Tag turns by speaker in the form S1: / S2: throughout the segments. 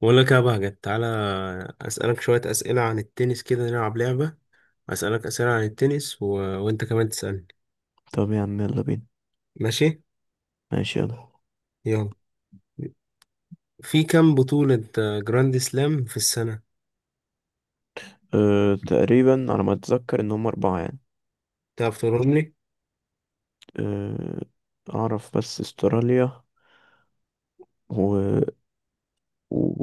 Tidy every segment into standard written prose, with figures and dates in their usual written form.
S1: بقول لك يا بهجت، تعالى أسألك شوية أسئلة عن التنس، كده نلعب لعبة. أسألك أسئلة عن التنس وأنت كمان تسألني.
S2: طب يا عم يلا بينا.
S1: ماشي،
S2: ماشي يلا.
S1: يلا. في كام بطولة جراند سلام في السنة؟
S2: تقريبا على ما اتذكر ان هم اربعة يعني.
S1: تعرف تقولهم لي؟
S2: أه اعرف بس استراليا و...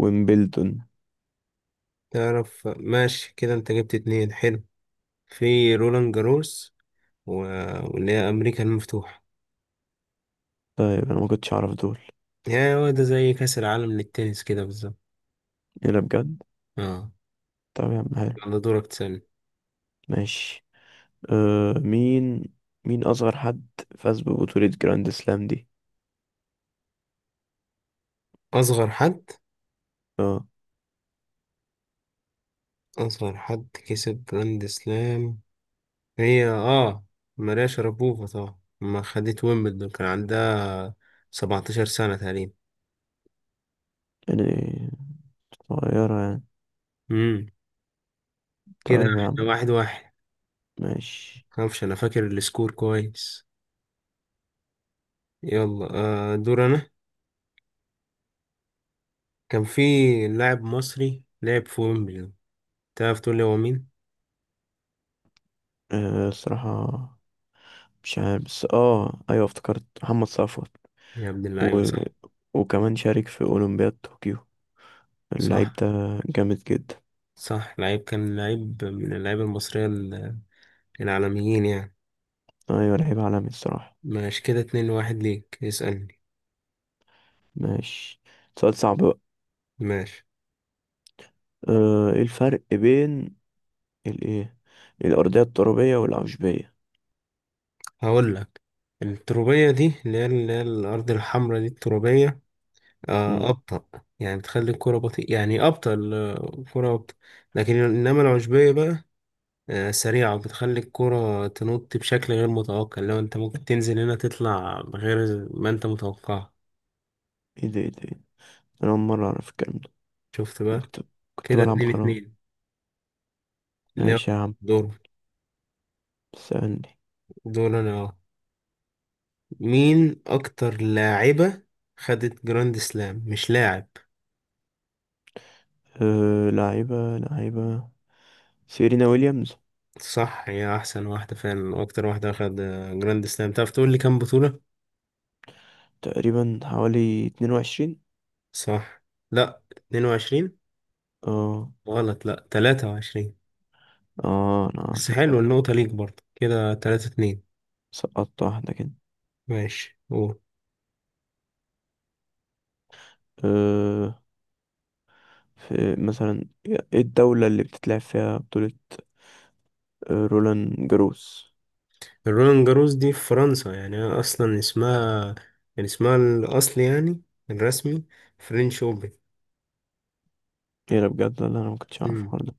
S2: ويمبلدون.
S1: تعرف ماشي كده، أنت جبت اتنين، حلو. في رولان جاروس و... واللي هي أمريكا المفتوحة.
S2: طيب انا ما كنتش اعرف دول.
S1: يعني هو ده زي كأس العالم للتنس كده بالظبط.
S2: ايه ده بجد.
S1: اه.
S2: طب يا عم حلو.
S1: يلا دورك تسألني.
S2: ماشي. أه مين مين اصغر حد فاز ببطولة جراند سلام دي.
S1: أصغر حد.
S2: اه
S1: أصغر حد كسب جراند سلام، هي ماريا شربوفا طبعا، ما خدت ويمبلدون كان عندها 17 سنة تقريبا.
S2: يعني صغيرة يعني.
S1: امم كده
S2: طيب يا عم
S1: احنا واحد واحد.
S2: ماشي.
S1: معرفش انا فاكر السكور كويس. يلا، دور انا. كان في لاعب مصري لعب في ويمبلدون، تعرف تقول لي هو مين؟
S2: الصراحة مش عارف، بس ايوه افتكرت محمد صفوت.
S1: يا ابن اللعيبة،
S2: و...
S1: صح.
S2: وكمان شارك في أولمبياد طوكيو اللعيب
S1: صح،
S2: ده، جامد جدا.
S1: صح، لعيب كان لعيب من اللعيبة المصرية العالميين يعني.
S2: أيوة لعيب عالمي الصراحة.
S1: ماشي كده، اتنين واحد ليك. اسألني.
S2: ماشي. سؤال صعب بقى.
S1: ماشي،
S2: ايه الفرق بين الايه الأرضية الترابية والعشبية؟
S1: هقول لك. التربية دي اللي هي الأرض الحمراء، دي التربية،
S2: مم.
S1: آه، أبطأ. يعني بتخلي الكرة بطيئة، يعني أبطأ، الكرة أبطأ. لكن إنما العشبية بقى، آه، سريعة، بتخلي الكرة تنط بشكل غير متوقع. لو أنت ممكن تنزل هنا تطلع غير ما أنت متوقع.
S2: ايه ده إيه ده؟ أنا أول مرة أعرف الكلام ده.
S1: شفت
S2: أنا
S1: بقى.
S2: كنت كنت
S1: كده
S2: بلعب
S1: اتنين
S2: خلاص.
S1: اتنين. إنما
S2: ماشي يا عم.
S1: دور
S2: سألني.
S1: دور أنا، مين أكتر لاعبة خدت جراند سلام؟ مش لاعب.
S2: لعيبة لعيبة، سيرينا ويليامز.
S1: صح، هي احسن واحده فعلا واكتر واحده اخد جراند سلام. تعرف تقول لي كام بطوله؟
S2: تقريبا حوالي اتنين وعشرين.
S1: صح. لا، 22.
S2: اه.
S1: غلط، لا، 23.
S2: اه أنا
S1: بس
S2: سقطت،
S1: حلو، النقطه ليك برضه. كده 3 2.
S2: سقطت واحدة كده.
S1: ماشي، قول.
S2: أه في مثلا ايه الدولة اللي بتتلعب فيها بطولة رولان جاروس؟
S1: الرولان جاروس دي في فرنسا، يعني اصلا اسمها، يعني اسمها الاصلي يعني الرسمي، فرنش اوبن.
S2: ايه ده بجد، ولا انا ما كنتش اعرف
S1: امم
S2: الحوار ده.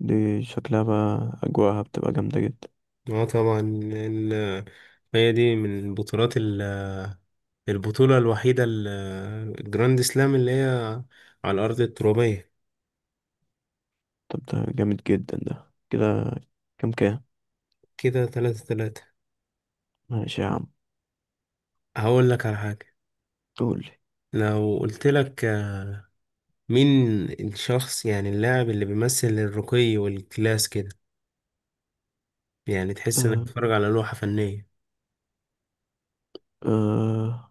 S2: دي شكلها بقى اجواءها بتبقى جامدة جدا.
S1: اه طبعا. ال- هي دي من البطولات، البطوله الوحيده الجراند سلام اللي هي على الارض الترابيه.
S2: طب ده جامد جدا ده كده. كام كام؟
S1: كده ثلاثة ثلاثة.
S2: ماشي يا عم.
S1: هقول لك على حاجة.
S2: قول لي.
S1: لو قلت لك، مين الشخص، يعني اللاعب اللي بيمثل الرقي والكلاس كده، يعني تحس انك
S2: آه
S1: بتتفرج على لوحة فنية؟
S2: آه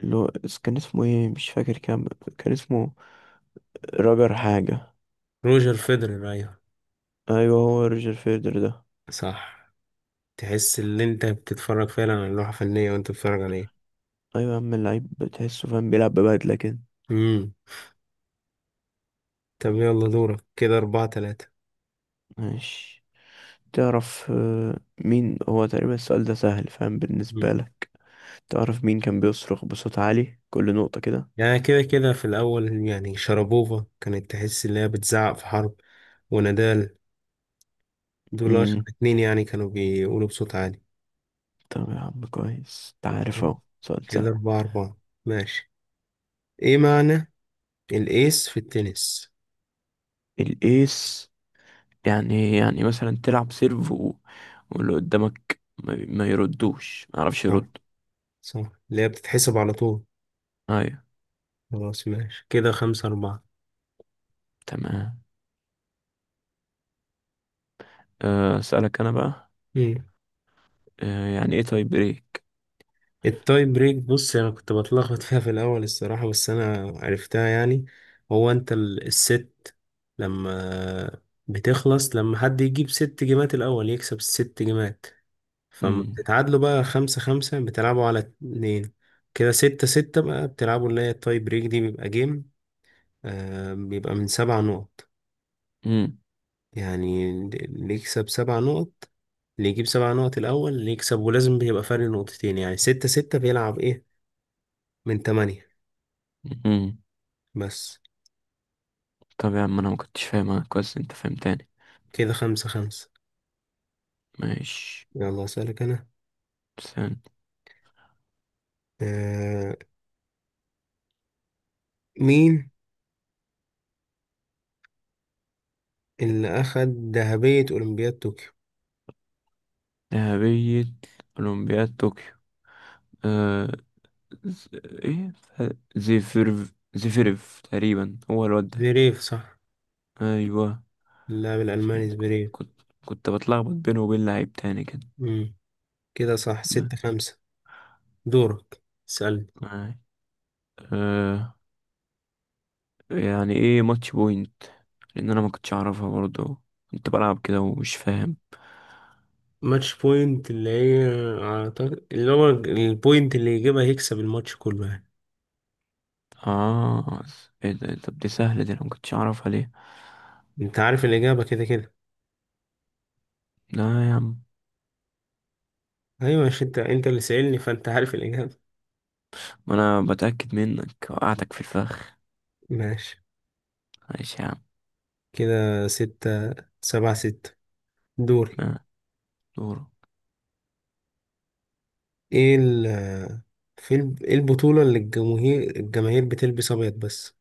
S2: اللي هو كان اسمه ايه، مش فاكر. كان اسمه راجر حاجة.
S1: روجر فيدرر، ايوه،
S2: ايوه هو روجر فيدر ده.
S1: صح. تحس ان انت بتتفرج فعلا على لوحة فنية وانت بتتفرج عليها.
S2: ايوه يا عم، اللعيب بتحسه فاهم بيلعب ببدلة كده.
S1: امم طب يلا دورك. كده أربعة ثلاثة.
S2: ماشي. تعرف مين هو تقريبا؟ السؤال ده سهل، فاهم بالنسبة
S1: مم.
S2: لك. تعرف مين كان بيصرخ بصوت عالي كل نقطة كده؟
S1: يعني كده كده، في الأول يعني شربوفا، كانت تحس إن هي بتزعق في حرب، ونادال، دول أشهر
S2: امم.
S1: اتنين يعني كانوا بيقولوا بصوت عالي.
S2: طب يا عم كويس، انت عارف اهو، سؤال
S1: كده
S2: سهل.
S1: أربعة أربعة. ماشي. إيه معنى الإيس في التنس؟
S2: الايس يعني يعني مثلا تلعب سيرف واللي قدامك ما يردوش، ما يعرفش
S1: صح،
S2: يرد.
S1: صح، اللي هي بتتحسب على طول.
S2: ايوه.
S1: خلاص، ماشي، كده خمسة أربعة.
S2: تمام. اسألك انا بقى.
S1: مم.
S2: يعني ايه تاي بريك؟
S1: التاي بريك، بص، أنا كنت بتلخبط فيها في الأول الصراحة، بس أنا عرفتها يعني. هو أنت الست لما بتخلص، لما حد يجيب ست جيمات الأول يكسب الست جيمات. فما
S2: امم.
S1: بتتعادلوا بقى خمسة خمسة، بتلعبوا على اتنين. كده ستة ستة بقى، بتلعبوا اللي هي التاي بريك دي، بيبقى جيم، بيبقى من سبع نقط.
S2: امم.
S1: يعني اللي يكسب سبع نقط، اللي يجيب سبع نقط الأول اللي يكسب، ولازم بيبقى فرق نقطتين. يعني ستة ستة بيلعب إيه، من تمانية
S2: امم.
S1: بس.
S2: طب يا عم انا ما كنتش فاهمها كويس، انت فهمتني.
S1: كده خمسة خمسة.
S2: ماشي.
S1: يلا أسألك أنا.
S2: سلام.
S1: آه مين اللي أخد ذهبية أولمبياد طوكيو؟
S2: ذهبية أولمبياد طوكيو. آه ز... إيه زيفيرف، تقريبا هو الواد ده.
S1: زverev، صح.
S2: أيوه.
S1: اللاعب
S2: عشان
S1: الألماني
S2: ك-
S1: زverev.
S2: كنت بتلخبط بينه وبين لعيب تاني كده.
S1: مم. كده صح،
S2: ب-
S1: ستة خمسة. دورك، اسألني.
S2: آه. آه. يعني إيه ماتش بوينت؟ لأن أنا ما كنتش أعرفها برضه، كنت بلعب كده ومش فاهم.
S1: ماتش بوينت، اللي هي، أعتقد اللي هو البوينت اللي يجيبها يكسب الماتش كله يعني.
S2: آه إيه ده، طب دي سهلة دي، أنا ما كنتش أعرفها ليه؟
S1: انت عارف الإجابة كده كده.
S2: لا يا عم،
S1: أيوة، مش انت اللي سألني؟ فانت عارف الإجابة.
S2: ما أنا بتأكد منك، وقعتك في الفخ.
S1: ماشي،
S2: ماشي يا عم.
S1: كده ستة سبعة ستة. دوري.
S2: آه. دورك.
S1: ايه ايه البطولة اللي الجماهير الجماهير بتلبس أبيض بس؟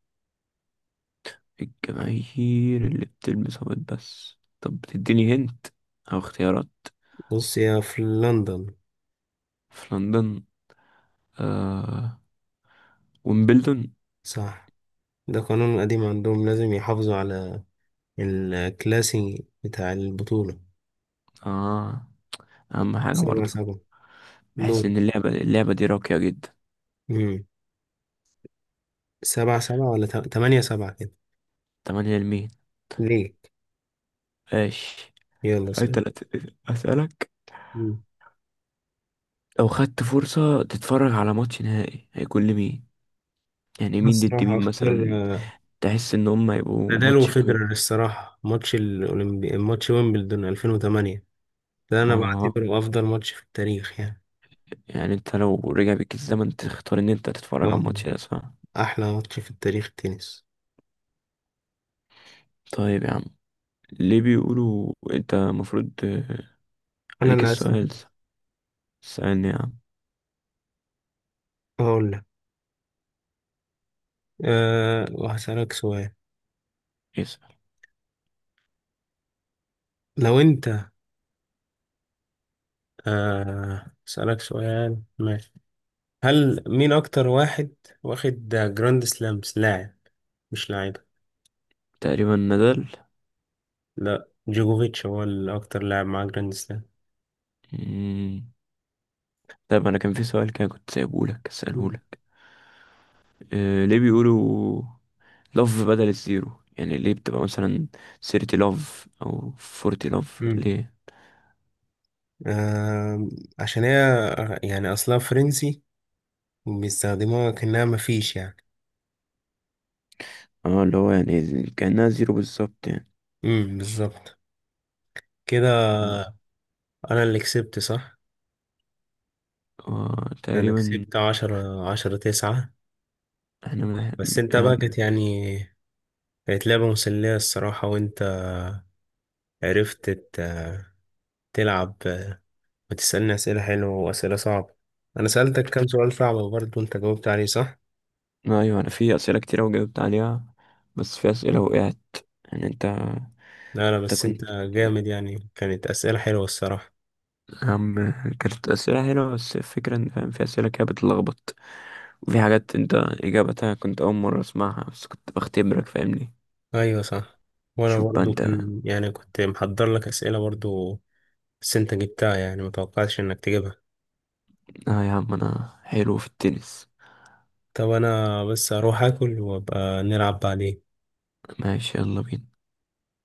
S2: الجماهير اللي بتلبس أبيض بس؟ طب بتديني هنت أو اختيارات؟
S1: بص، هي في لندن.
S2: في لندن. آه، ويمبلدون.
S1: صح. ده قانون قديم عندهم، لازم يحافظوا على الكلاسي بتاع البطولة.
S2: اه أهم حاجة
S1: سبعة
S2: برضه.
S1: سبعة.
S2: بحس
S1: دور.
S2: إن اللعبة دي راقية جدا.
S1: مم. سبعة سبعة، ولا تمانية سبعة كده؟
S2: تمانية لمين؟
S1: ليه؟
S2: ماشي.
S1: يلا سبعة.
S2: أنت لا ت- أسألك، لو خدت فرصة تتفرج على ماتش نهائي هيكون لمين؟ يعني مين
S1: بس
S2: ضد
S1: راح
S2: مين
S1: أختار
S2: مثلا، تحس إن هم هيبقوا
S1: نادال
S2: ماتش جامد؟
S1: وفيدرر الصراحة، ماتش الأولمبي، ماتش ويمبلدون 2008. ده أنا
S2: اه
S1: بعتبره أفضل ماتش في التاريخ يعني.
S2: يعني انت لو رجع بيك الزمن تختار ان انت تتفرج على
S1: آه،
S2: الماتش ده، صح؟
S1: أحلى ماتش في التاريخ التنس.
S2: طيب يا عم، ليه بيقولوا انت المفروض
S1: أنا
S2: عليك
S1: اللي هسأل.
S2: السؤال. سألني يا عم.
S1: هقول لك، أه وهسألك سؤال.
S2: اسأل.
S1: لو أنت، هسألك سؤال، ماشي. هل مين أكتر واحد واخد جراند سلامز، لاعب مش لاعب؟
S2: تقريبا نزل.
S1: لا، جوجوفيتش هو الأكتر لاعب مع جراند سلام.
S2: مم. طيب انا كان في سؤال كده كنت سايبه لك اساله
S1: مم.
S2: لك. ليه بيقولوا لوف بدل الزيرو؟ يعني ليه بتبقى مثلا 30 لوف او 40 لوف،
S1: مم.
S2: ليه؟
S1: آم، عشان هي، يعني أصلها فرنسي، بيستخدموها كأنها مفيش يعني.
S2: اه اللي هو يعني كأنها زيرو بالظبط يعني.
S1: امم، بالظبط، كده.
S2: مم.
S1: انا اللي كسبت، صح؟
S2: آه،
S1: انا
S2: تقريبا.
S1: كسبت عشرة عشرة تسعة.
S2: احنا من...
S1: بس انت بقى
S2: يعني...
S1: كانت يعني، كانت لعبة مسلية الصراحة، وانت عرفت تلعب وتسألني أسئلة حلوة وأسئلة صعبة. انا سألتك كام سؤال صعب برضه، انت جاوبت عليه صح.
S2: ايوه انا في اسئله كتير وجاوبت عليها، بس في اسئله وقعت. يعني انت
S1: لا، لا،
S2: انت
S1: بس انت
S2: كنت
S1: جامد يعني، كانت أسئلة حلوة الصراحة.
S2: يا عم، كانت أسئلة حلوة، بس الفكرة إن فاهم، في أسئلة كده بتلخبط، وفي حاجات أنت إجابتها كنت أول مرة أسمعها، بس كنت بختبرك فاهمني.
S1: ايوه، صح. وانا
S2: شوف بقى
S1: برضه
S2: أنت،
S1: كان يعني كنت محضر لك أسئلة برضه. بس انت جبتها، يعني متوقعتش انك تجيبها.
S2: آه يا عم أنا حلو في التنس.
S1: طب انا بس اروح اكل وابقى نلعب بعدين.
S2: ماشي يلا بينا.